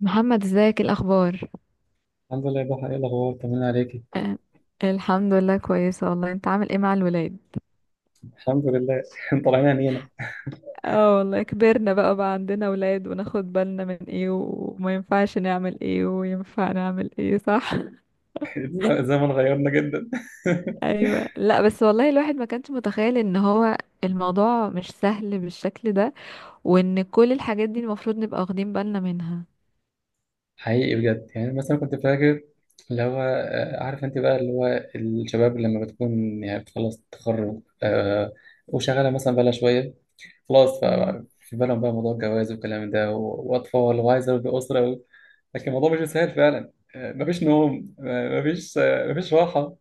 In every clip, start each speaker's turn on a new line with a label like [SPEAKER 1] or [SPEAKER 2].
[SPEAKER 1] محمد، ازيك؟ ايه الاخبار؟
[SPEAKER 2] الحمد لله يا ضحى، ايه الاخبار؟ طمنا عليكي.
[SPEAKER 1] آه، الحمد لله كويسه. والله انت عامل ايه مع الولاد؟
[SPEAKER 2] الحمد لله طالعين عينينا.
[SPEAKER 1] اه والله كبرنا بقى عندنا ولاد، وناخد بالنا من ايه، وما ينفعش نعمل ايه وينفع نعمل ايه، صح؟
[SPEAKER 2] الزمن غيرنا جدا.
[SPEAKER 1] ايوه. لا بس والله الواحد ما كانش متخيل ان هو الموضوع مش سهل بالشكل ده، وان كل الحاجات دي المفروض نبقى واخدين بالنا منها.
[SPEAKER 2] حقيقي بجد، يعني مثلا كنت فاكر اللي هو عارف انت بقى اللي هو الشباب لما بتكون يعني بتخلص التخرج، وشغاله مثلا بقى لها شويه، خلاص
[SPEAKER 1] مم.
[SPEAKER 2] بقى في بالهم بقى موضوع الجواز والكلام ده واطفال وعايزه ابني اسره. لكن الموضوع مش سهل فعلا، مفيش نوم، مفيش راحه،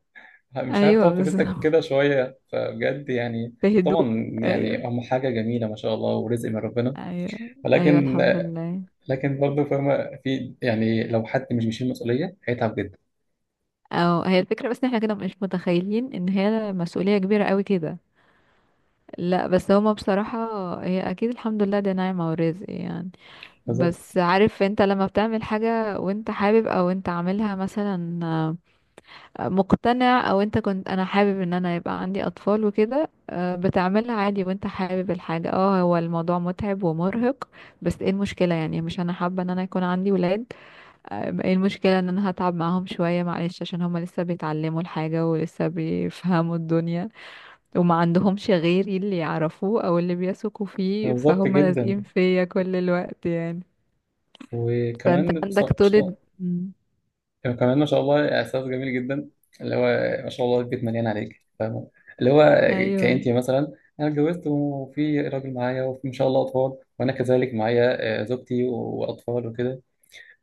[SPEAKER 2] مش عارف
[SPEAKER 1] ايوه،
[SPEAKER 2] تقعد
[SPEAKER 1] بالظبط.
[SPEAKER 2] كده شوية، فبجد يعني.
[SPEAKER 1] بهدوء.
[SPEAKER 2] طبعا
[SPEAKER 1] ايوه.
[SPEAKER 2] يعني هم حاجة جميلة ما شاء الله ورزق من ربنا،
[SPEAKER 1] ايوه. ايوه،
[SPEAKER 2] ولكن،
[SPEAKER 1] الحمد لله.
[SPEAKER 2] لكن برضه فاهمة، في يعني لو حد مش بيشيل مسؤولية هيتعب جدا.
[SPEAKER 1] او هي الفكرة، بس ان احنا كده مش متخيلين ان هي مسؤولية كبيرة قوي كده. لا بس هما بصراحة. هي اكيد الحمد لله دي نعمة ورزق يعني.
[SPEAKER 2] بالظبط.
[SPEAKER 1] بس عارف انت لما بتعمل حاجة وانت حابب، او انت عاملها مثلا، مقتنع، او انت كنت انا حابب ان انا يبقى عندي اطفال وكده، بتعملها عادي وانت حابب الحاجة. اه، هو الموضوع متعب ومرهق. بس ايه المشكلة يعني؟ مش انا حابة ان انا يكون عندي ولاد. ايه المشكلة ان انا هتعب معاهم شوية معلش؟ عشان هما لسه بيتعلموا الحاجة ولسه بيفهموا الدنيا، وما عندهمش غيري اللي يعرفوه او اللي بيثقوا فيه،
[SPEAKER 2] بالظبط
[SPEAKER 1] فهم لازقين
[SPEAKER 2] جدا.
[SPEAKER 1] فيا كل الوقت يعني. فانت
[SPEAKER 2] وكمان
[SPEAKER 1] عندك طولة. مم.
[SPEAKER 2] كمان ما شاء الله إحساس جميل جدا، اللي هو ما شاء الله البيت مليان عليك، فاهمة؟ اللي هو
[SPEAKER 1] ايوه.
[SPEAKER 2] كأنتي مثلا، أنا اتجوزت وفي راجل معايا وما شاء الله أطفال، وأنا كذلك معايا زوجتي وأطفال وكده.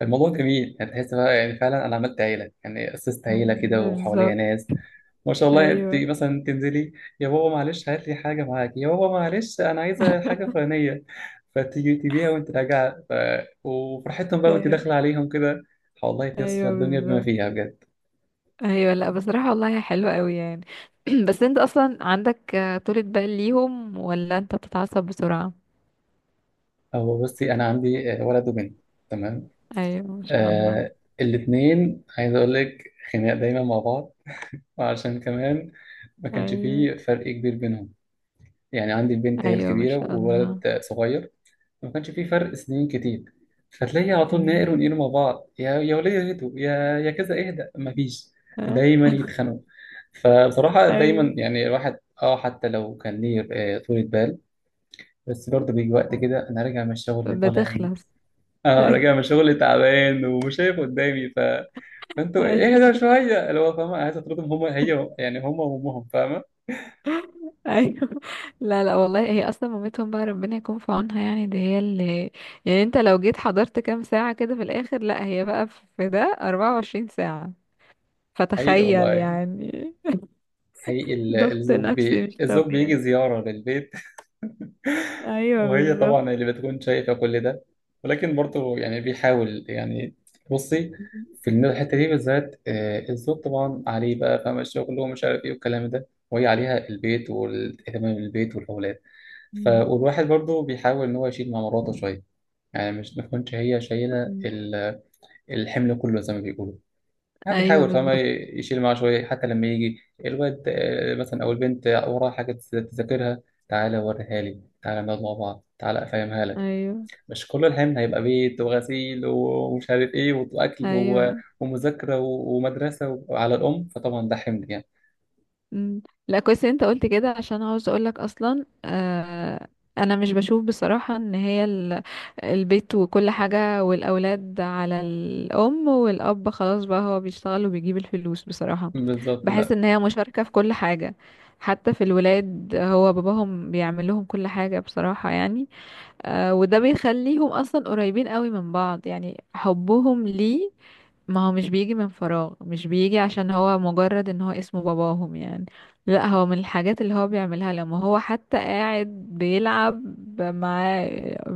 [SPEAKER 2] الموضوع جميل، هتحس بقى يعني فعلا انا عملت عيله، يعني اسست عيله
[SPEAKER 1] مم،
[SPEAKER 2] كده وحواليا
[SPEAKER 1] بالظبط.
[SPEAKER 2] ناس. ما شاء الله انت
[SPEAKER 1] ايوه.
[SPEAKER 2] مثلا تنزلي، يا بابا معلش هات لي حاجه معاك، يا بابا معلش انا عايزه حاجه فلانيه، فتيجي تبيها وانت راجعه. وفرحتهم بقى وانت
[SPEAKER 1] ايوه.
[SPEAKER 2] داخله عليهم كده، والله تصفى
[SPEAKER 1] ايوه،
[SPEAKER 2] الدنيا بما
[SPEAKER 1] بالظبط.
[SPEAKER 2] فيها بجد.
[SPEAKER 1] ايوه، لا بصراحة والله حلوة قوي يعني. بس انت اصلا عندك طولة بال ليهم، ولا انت بتتعصب بسرعة؟
[SPEAKER 2] هو بصي، انا عندي ولد وبنت. تمام.
[SPEAKER 1] ايوه، ما شاء الله.
[SPEAKER 2] آه. الاثنين عايز اقول لك خناق دايما مع بعض، عشان كمان ما كانش
[SPEAKER 1] ايوه.
[SPEAKER 2] فيه فرق كبير بينهم. يعني عندي البنت هي
[SPEAKER 1] ايوه، ما
[SPEAKER 2] الكبيرة
[SPEAKER 1] شاء الله.
[SPEAKER 2] وولد صغير، ما كانش فيه فرق سنين كتير، فتلاقي على طول
[SPEAKER 1] امم.
[SPEAKER 2] ناقر ونقير مع بعض، يا يا ولية اهدوا، يا يا كذا اهدى، ما فيش،
[SPEAKER 1] ها.
[SPEAKER 2] دايما يتخانقوا. فبصراحة
[SPEAKER 1] ايوه.
[SPEAKER 2] دايما يعني الواحد اه حتى لو كان ليه طولة بال، بس برضه بيجي وقت كده انا راجع من الشغل اللي طالع عيني.
[SPEAKER 1] بتخلص.
[SPEAKER 2] اه راجع من
[SPEAKER 1] ايوه.
[SPEAKER 2] الشغل تعبان ومش شايف قدامي، فانتوا اهدى
[SPEAKER 1] ايوه.
[SPEAKER 2] شوية، اللي هو فاهمة، عايز اطردهم هما، هي يعني هما وامهم، فاهمة؟
[SPEAKER 1] ايوه. لا، لا، والله هي اصلا مامتهم بقى، ربنا يكون في عونها يعني، دي هي اللي، يعني انت لو جيت حضرت كام ساعة كده في الاخر، لا هي بقى في ده 24 ساعة.
[SPEAKER 2] حقيقي
[SPEAKER 1] فتخيل
[SPEAKER 2] والله.
[SPEAKER 1] يعني.
[SPEAKER 2] حقيقي،
[SPEAKER 1] ضغط نفسي مش
[SPEAKER 2] الزوج بيجي
[SPEAKER 1] طبيعي.
[SPEAKER 2] زيارة للبيت.
[SPEAKER 1] ايوه،
[SPEAKER 2] وهي
[SPEAKER 1] بالظبط.
[SPEAKER 2] طبعا اللي بتكون شايفة كل ده، ولكن برضه يعني بيحاول يعني. بصي،
[SPEAKER 1] أمم.
[SPEAKER 2] في الحتة دي بالذات، الزوج طبعا عليه بقى، فاهم، الشغل ومش عارف ايه والكلام ده، وهي عليها البيت والاهتمام بالبيت والأولاد. والواحد برضه بيحاول إن هو يشيل مع مراته شوية، يعني مش ما تكونش هي شايلة
[SPEAKER 1] أمم.
[SPEAKER 2] الحمل كله زي ما بيقولوا. ما
[SPEAKER 1] ايوه،
[SPEAKER 2] بيحاول فما
[SPEAKER 1] بالظبط.
[SPEAKER 2] يشيل معاه شوية، حتى لما يجي الواد مثلا أو البنت وراها حاجة تذاكرها، تعالى وريها لي، تعالى نقعد مع بعض، تعالى أفهمها لك.
[SPEAKER 1] ايوه.
[SPEAKER 2] مش كل الحمل هيبقى بيت وغسيل ومش عارف إيه وأكل
[SPEAKER 1] ايوه.
[SPEAKER 2] ومذاكرة ومدرسة على الأم، فطبعا ده حمل يعني.
[SPEAKER 1] مم. لا، كويس إن انت قلت كده عشان عاوز اقولك اصلا. انا مش بشوف بصراحة ان هي البيت وكل حاجة والاولاد على الام، والاب خلاص بقى هو بيشتغل وبيجيب الفلوس بصراحة.
[SPEAKER 2] بالظبط،
[SPEAKER 1] بحس
[SPEAKER 2] لا.
[SPEAKER 1] ان هي مشاركة في كل حاجة. حتى في الولاد هو باباهم بيعمل لهم كل حاجة بصراحة يعني. وده بيخليهم اصلا قريبين قوي من بعض يعني حبهم ليه. ما هو مش بيجي من فراغ، مش بيجي عشان هو مجرد ان هو اسمه باباهم يعني. لا، هو من الحاجات اللي هو بيعملها لما هو حتى قاعد بيلعب مع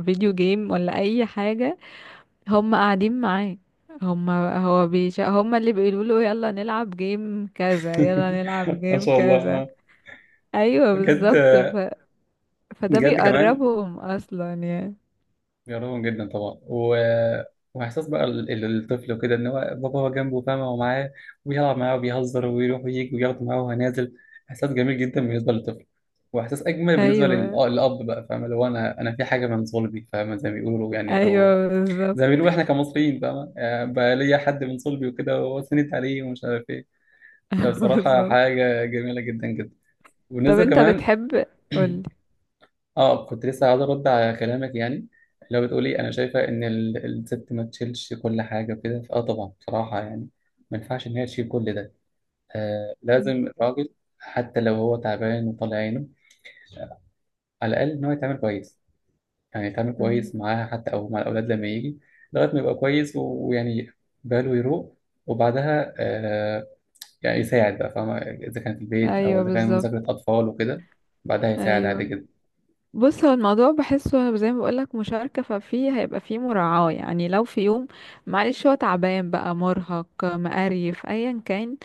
[SPEAKER 1] فيديو جيم ولا اي حاجة، هم قاعدين معاه. هم اللي بيقولوا له يلا نلعب جيم كذا، يلا نلعب
[SPEAKER 2] ما
[SPEAKER 1] جيم
[SPEAKER 2] شاء الله
[SPEAKER 1] كذا.
[SPEAKER 2] آه.
[SPEAKER 1] ايوه،
[SPEAKER 2] بجد.
[SPEAKER 1] بالظبط. فده
[SPEAKER 2] بجد كمان
[SPEAKER 1] بيقربهم اصلا يعني.
[SPEAKER 2] بيقربهم جدا طبعا واحساس بقى الطفل وكده ان هو بابا هو جنبه فاهمه ومعاه وبيلعب معاه وبيهزر ويروح ويجي وياخده معاه وهو نازل، احساس جميل جدا بالنسبه للطفل، واحساس اجمل بالنسبه
[SPEAKER 1] ايوه.
[SPEAKER 2] للاب بقى، فاهمه؟ لو انا في حاجه من صلبي، فاهمه، زي ما بيقولوا يعني، او
[SPEAKER 1] ايوه، بالظبط.
[SPEAKER 2] زي ما بيقولوا احنا كمصريين، فاهمه، بقى ليا حد من صلبي وكده وسندت عليه ومش عارف ايه. فبصراحه
[SPEAKER 1] بالظبط.
[SPEAKER 2] حاجه جميله جدا جدا.
[SPEAKER 1] طب
[SPEAKER 2] وبالنسبه
[SPEAKER 1] انت
[SPEAKER 2] كمان
[SPEAKER 1] بتحب؟ قولي.
[SPEAKER 2] اه كنت لسه عايز ارد على كلامك يعني، اللي هو بتقولي انا شايفه ان الست ما تشيلش كل حاجه وكده، فاه طبعا بصراحه يعني ما ينفعش ان هي تشيل كل ده. آه لازم الراجل حتى لو هو تعبان وطالع عينه، على الاقل ان هو يتعامل كويس، يعني يتعامل
[SPEAKER 1] مم.
[SPEAKER 2] كويس معاها حتى او مع الاولاد لما يجي، لغايه ما يبقى كويس ويعني باله يروق، وبعدها آه يعني يساعد بقى، فاهمه، اذا كان في البيت او
[SPEAKER 1] ايوه،
[SPEAKER 2] اذا كان مذاكره
[SPEAKER 1] بالظبط.
[SPEAKER 2] اطفال وكده، بعدها يساعد عادي
[SPEAKER 1] ايوه.
[SPEAKER 2] جدا.
[SPEAKER 1] بص، هو الموضوع بحسه زي ما بقولك مشاركة، ففيه هيبقى فيه مراعاة يعني. لو في يوم معلش هو تعبان بقى، مرهق، مقريف، ايا كان،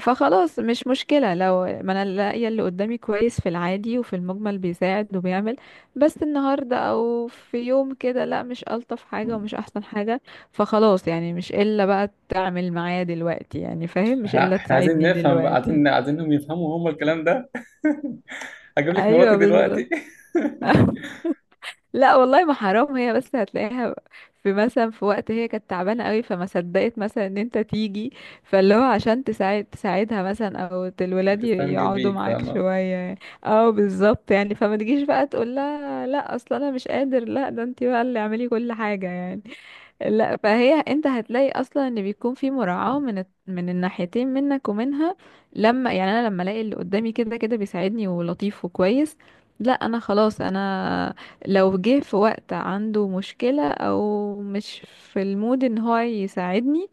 [SPEAKER 1] فخلاص مش مشكلة، لو ما انا لاقية اللي قدامي كويس في العادي وفي المجمل بيساعد وبيعمل. بس النهاردة او في يوم كده لا، مش ألطف حاجة ومش احسن حاجة. فخلاص يعني مش الا بقى تعمل معايا دلوقتي يعني، فاهم؟ مش
[SPEAKER 2] احنا
[SPEAKER 1] الا
[SPEAKER 2] احنا عايزين
[SPEAKER 1] تساعدني
[SPEAKER 2] نفهم بقى،
[SPEAKER 1] دلوقتي.
[SPEAKER 2] عايزين، عايزينهم يفهموا هم الكلام ده. هجيب لك مراتي
[SPEAKER 1] ايوه، بالظبط.
[SPEAKER 2] دلوقتي.
[SPEAKER 1] لا والله، ما حرام، هي بس هتلاقيها في مثلا، في وقت هي كانت تعبانه قوي، فما صدقت مثلا ان انت تيجي، فاللي هو عشان تساعدها مثلا، او الولاد
[SPEAKER 2] بتستنجد
[SPEAKER 1] يقعدوا
[SPEAKER 2] بيك،
[SPEAKER 1] معاك
[SPEAKER 2] فاهمة؟
[SPEAKER 1] شويه، او بالظبط يعني. فما تجيش بقى تقول لها لا اصلا انا مش قادر، لا ده انت بقى اللي اعملي كل حاجه يعني. لا، فهي انت هتلاقي اصلا ان بيكون في مراعاة من الناحيتين، منك ومنها. لما يعني انا لما الاقي اللي قدامي كده كده بيساعدني ولطيف وكويس، لا انا خلاص، انا لو جه في وقت عنده مشكلة او مش في المود ان هو يساعدني،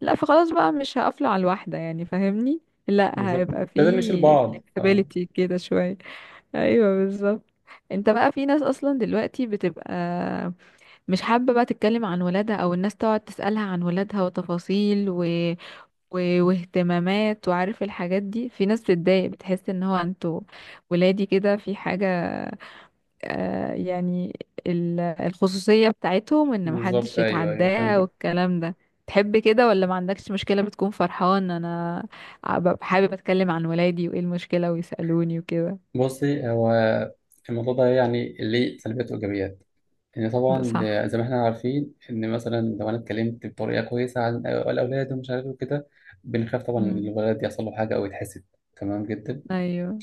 [SPEAKER 1] لا فخلاص بقى مش هقفله على الواحدة يعني، فاهمني؟ لا،
[SPEAKER 2] بالظبط.
[SPEAKER 1] هيبقى
[SPEAKER 2] لازم نشيل
[SPEAKER 1] في
[SPEAKER 2] بعض، فاهمة؟
[SPEAKER 1] flexibility كده شوية. ايوه، بالظبط. انت بقى في ناس اصلا دلوقتي بتبقى مش حابة بقى تتكلم عن ولادها، او الناس تقعد تسألها عن ولادها وتفاصيل واهتمامات وعارف، الحاجات دي في ناس بتتضايق، بتحس ان هو انتوا ولادي كده في حاجة، يعني الخصوصية بتاعتهم ان محدش
[SPEAKER 2] بالظبط، ايوه، ايوه
[SPEAKER 1] يتعداها
[SPEAKER 2] فهمتك.
[SPEAKER 1] والكلام ده. تحب كده ولا ما عندكش مشكلة؟ بتكون فرحان، انا ببقى حابب اتكلم عن ولادي وايه المشكلة ويسألوني وكده.
[SPEAKER 2] بصي هو الموضوع ده يعني ليه سلبيات وايجابيات، ان طبعا
[SPEAKER 1] صح.
[SPEAKER 2] زي ما احنا عارفين ان مثلا لو انا اتكلمت بطريقه كويسه عن الاولاد ومش عارف إيه وكده، بنخاف طبعا ان
[SPEAKER 1] مم.
[SPEAKER 2] الولد يحصل له حاجه او يتحسد. تمام جدا.
[SPEAKER 1] ايوه.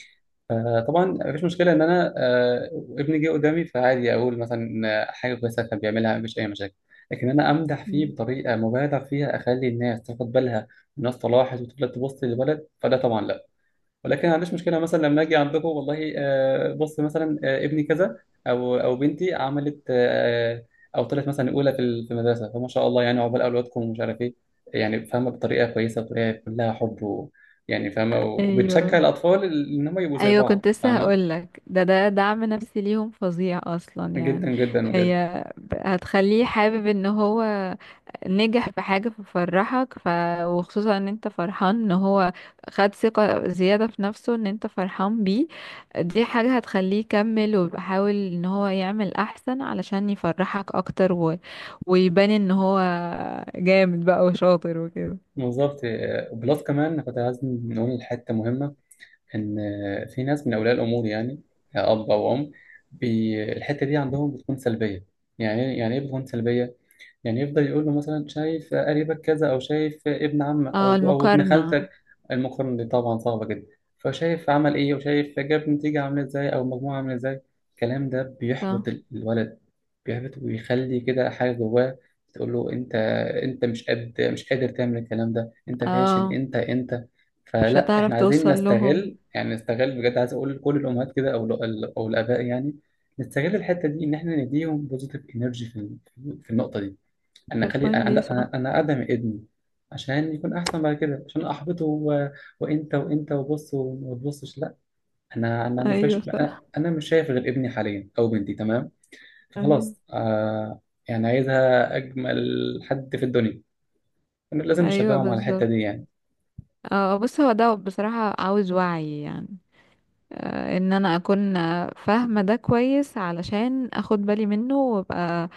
[SPEAKER 2] طبعا مفيش مشكلة إن أنا ابني جه قدامي، فعادي أقول مثلا حاجة كويسة كان بيعملها، مفيش أي مشاكل. لكن أنا أمدح
[SPEAKER 1] مم.
[SPEAKER 2] فيه بطريقة مبالغ فيها أخلي الناس تاخد بالها، الناس طلعت وتفضل تبص للولد، فده طبعا لا. ولكن ما عنديش مشكله مثلا لما اجي عندكم والله، بص مثلا، ابني كذا او بنتي عملت آه، او طلعت مثلا اولى في المدرسه، فما شاء الله يعني عقبال اولادكم ومش عارف ايه. يعني فاهمه، بطريقه كويسه، بطريقه كلها حب و يعني فاهمه، وبتشجع
[SPEAKER 1] ايوه.
[SPEAKER 2] الاطفال ان هم يبقوا زي
[SPEAKER 1] ايوه
[SPEAKER 2] بعض،
[SPEAKER 1] كنت لسه
[SPEAKER 2] فاهمه؟
[SPEAKER 1] هقولك، ده دعم نفسي ليهم فظيع اصلا يعني.
[SPEAKER 2] جدا جدا بجد.
[SPEAKER 1] هي هتخليه حابب ان هو نجح في حاجة ففرحك. وخصوصا ان انت فرحان ان هو خد ثقة زيادة في نفسه، ان انت فرحان بيه. دي حاجة هتخليه يكمل ويحاول ان هو يعمل احسن علشان يفرحك اكتر. ويبان ان هو جامد بقى وشاطر وكده.
[SPEAKER 2] بالظبط. بلس كمان كنت عايز نقول حته مهمه، ان في ناس من اولياء الامور يعني، اب او ام الحته دي عندهم بتكون سلبيه. يعني إيه، يعني ايه بتكون سلبيه؟ يعني يفضل يقول له مثلا شايف قريبك كذا، او شايف ابن عمك
[SPEAKER 1] اه،
[SPEAKER 2] او ابن
[SPEAKER 1] المقارنة.
[SPEAKER 2] خالتك. المقارنه دي طبعا صعبه جدا، فشايف عمل ايه وشايف جاب نتيجه عامله ازاي او مجموعه عامله ازاي. الكلام ده بيحبط
[SPEAKER 1] صح.
[SPEAKER 2] الولد، بيحبط ويخلي كده حاجه جواه، تقول له انت مش قادر تعمل الكلام ده، انت فاشل،
[SPEAKER 1] اه،
[SPEAKER 2] انت.
[SPEAKER 1] مش
[SPEAKER 2] فلا
[SPEAKER 1] هتعرف
[SPEAKER 2] احنا عايزين
[SPEAKER 1] توصل لهم.
[SPEAKER 2] نستغل، يعني نستغل، بجد عايز اقول لكل الامهات كده او او الاباء يعني، نستغل الحته دي ان احنا نديهم بوزيتيف انرجي في النقطه دي. انا
[SPEAKER 1] باد
[SPEAKER 2] اخلي
[SPEAKER 1] بوينت
[SPEAKER 2] انا
[SPEAKER 1] دي، صح.
[SPEAKER 2] انا أنا اقدم ابني عشان يكون احسن بعد كده، عشان احبطه وانت وبص وما تبصش، لا. انا انا مش
[SPEAKER 1] ايوه،
[SPEAKER 2] باش... انا
[SPEAKER 1] صح.
[SPEAKER 2] أنا مش شايف غير ابني حاليا او بنتي، تمام؟
[SPEAKER 1] ايوه.
[SPEAKER 2] فخلاص آه يعني عايزها اجمل حد في الدنيا، أنا لازم
[SPEAKER 1] ايوه،
[SPEAKER 2] نشجعهم على الحته دي
[SPEAKER 1] بالظبط.
[SPEAKER 2] يعني.
[SPEAKER 1] اه بص، هو ده بصراحة عاوز وعي يعني. ان انا اكون فاهمة ده كويس، علشان اخد بالي منه وابقى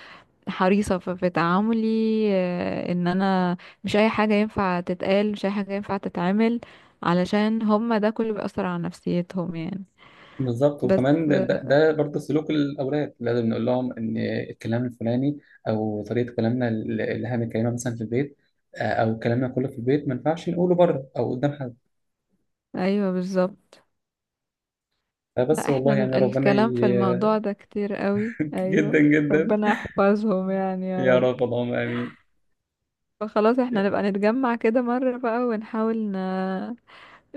[SPEAKER 1] حريصة في تعاملي. ان انا مش اي حاجة ينفع تتقال، مش اي حاجة ينفع تتعمل، علشان هما ده كله بيأثر على نفسيتهم يعني.
[SPEAKER 2] بالظبط.
[SPEAKER 1] بس
[SPEAKER 2] وكمان ده, ده,
[SPEAKER 1] آه،
[SPEAKER 2] ده برضه سلوك الاولاد، لازم نقول لهم ان الكلام الفلاني او طريقه كلامنا اللي احنا بنتكلمها مثلا في البيت، او كلامنا كله في البيت ما ينفعش نقوله بره او قدام حد.
[SPEAKER 1] ايوه، بالظبط. لا
[SPEAKER 2] بس
[SPEAKER 1] احنا
[SPEAKER 2] والله
[SPEAKER 1] ال-
[SPEAKER 2] يعني ربنا
[SPEAKER 1] الكلام في
[SPEAKER 2] ي...
[SPEAKER 1] الموضوع ده كتير قوي،
[SPEAKER 2] جدا
[SPEAKER 1] ايوه.
[SPEAKER 2] جدا.
[SPEAKER 1] ربنا يحفظهم يعني، يا
[SPEAKER 2] يا
[SPEAKER 1] رب.
[SPEAKER 2] رب اللهم امين.
[SPEAKER 1] فخلاص احنا نبقى نتجمع كده مرة بقى، ونحاول.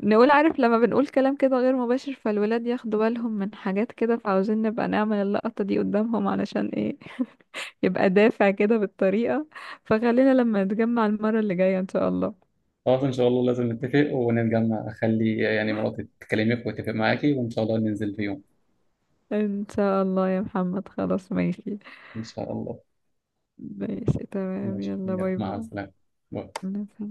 [SPEAKER 1] نقول عارف، لما بنقول كلام كده غير مباشر فالولاد ياخدوا بالهم من حاجات كده، فعاوزين نبقى نعمل اللقطة دي قدامهم علشان ايه؟ يبقى دافع كده بالطريقة. فخلينا لما نتجمع المرة اللي جاية ان شاء الله.
[SPEAKER 2] خلاص ان شاء الله لازم نتفق ونتجمع، اخلي يعني مراتي تكلمك وتتفق معاكي وان شاء الله ننزل في يوم.
[SPEAKER 1] ان شاء الله يا محمد، خلاص ماشي.
[SPEAKER 2] ان شاء الله.
[SPEAKER 1] ماشي، تمام،
[SPEAKER 2] ماشي،
[SPEAKER 1] يلا
[SPEAKER 2] يلا،
[SPEAKER 1] باي.
[SPEAKER 2] مع السلامه. باي.
[SPEAKER 1] باي.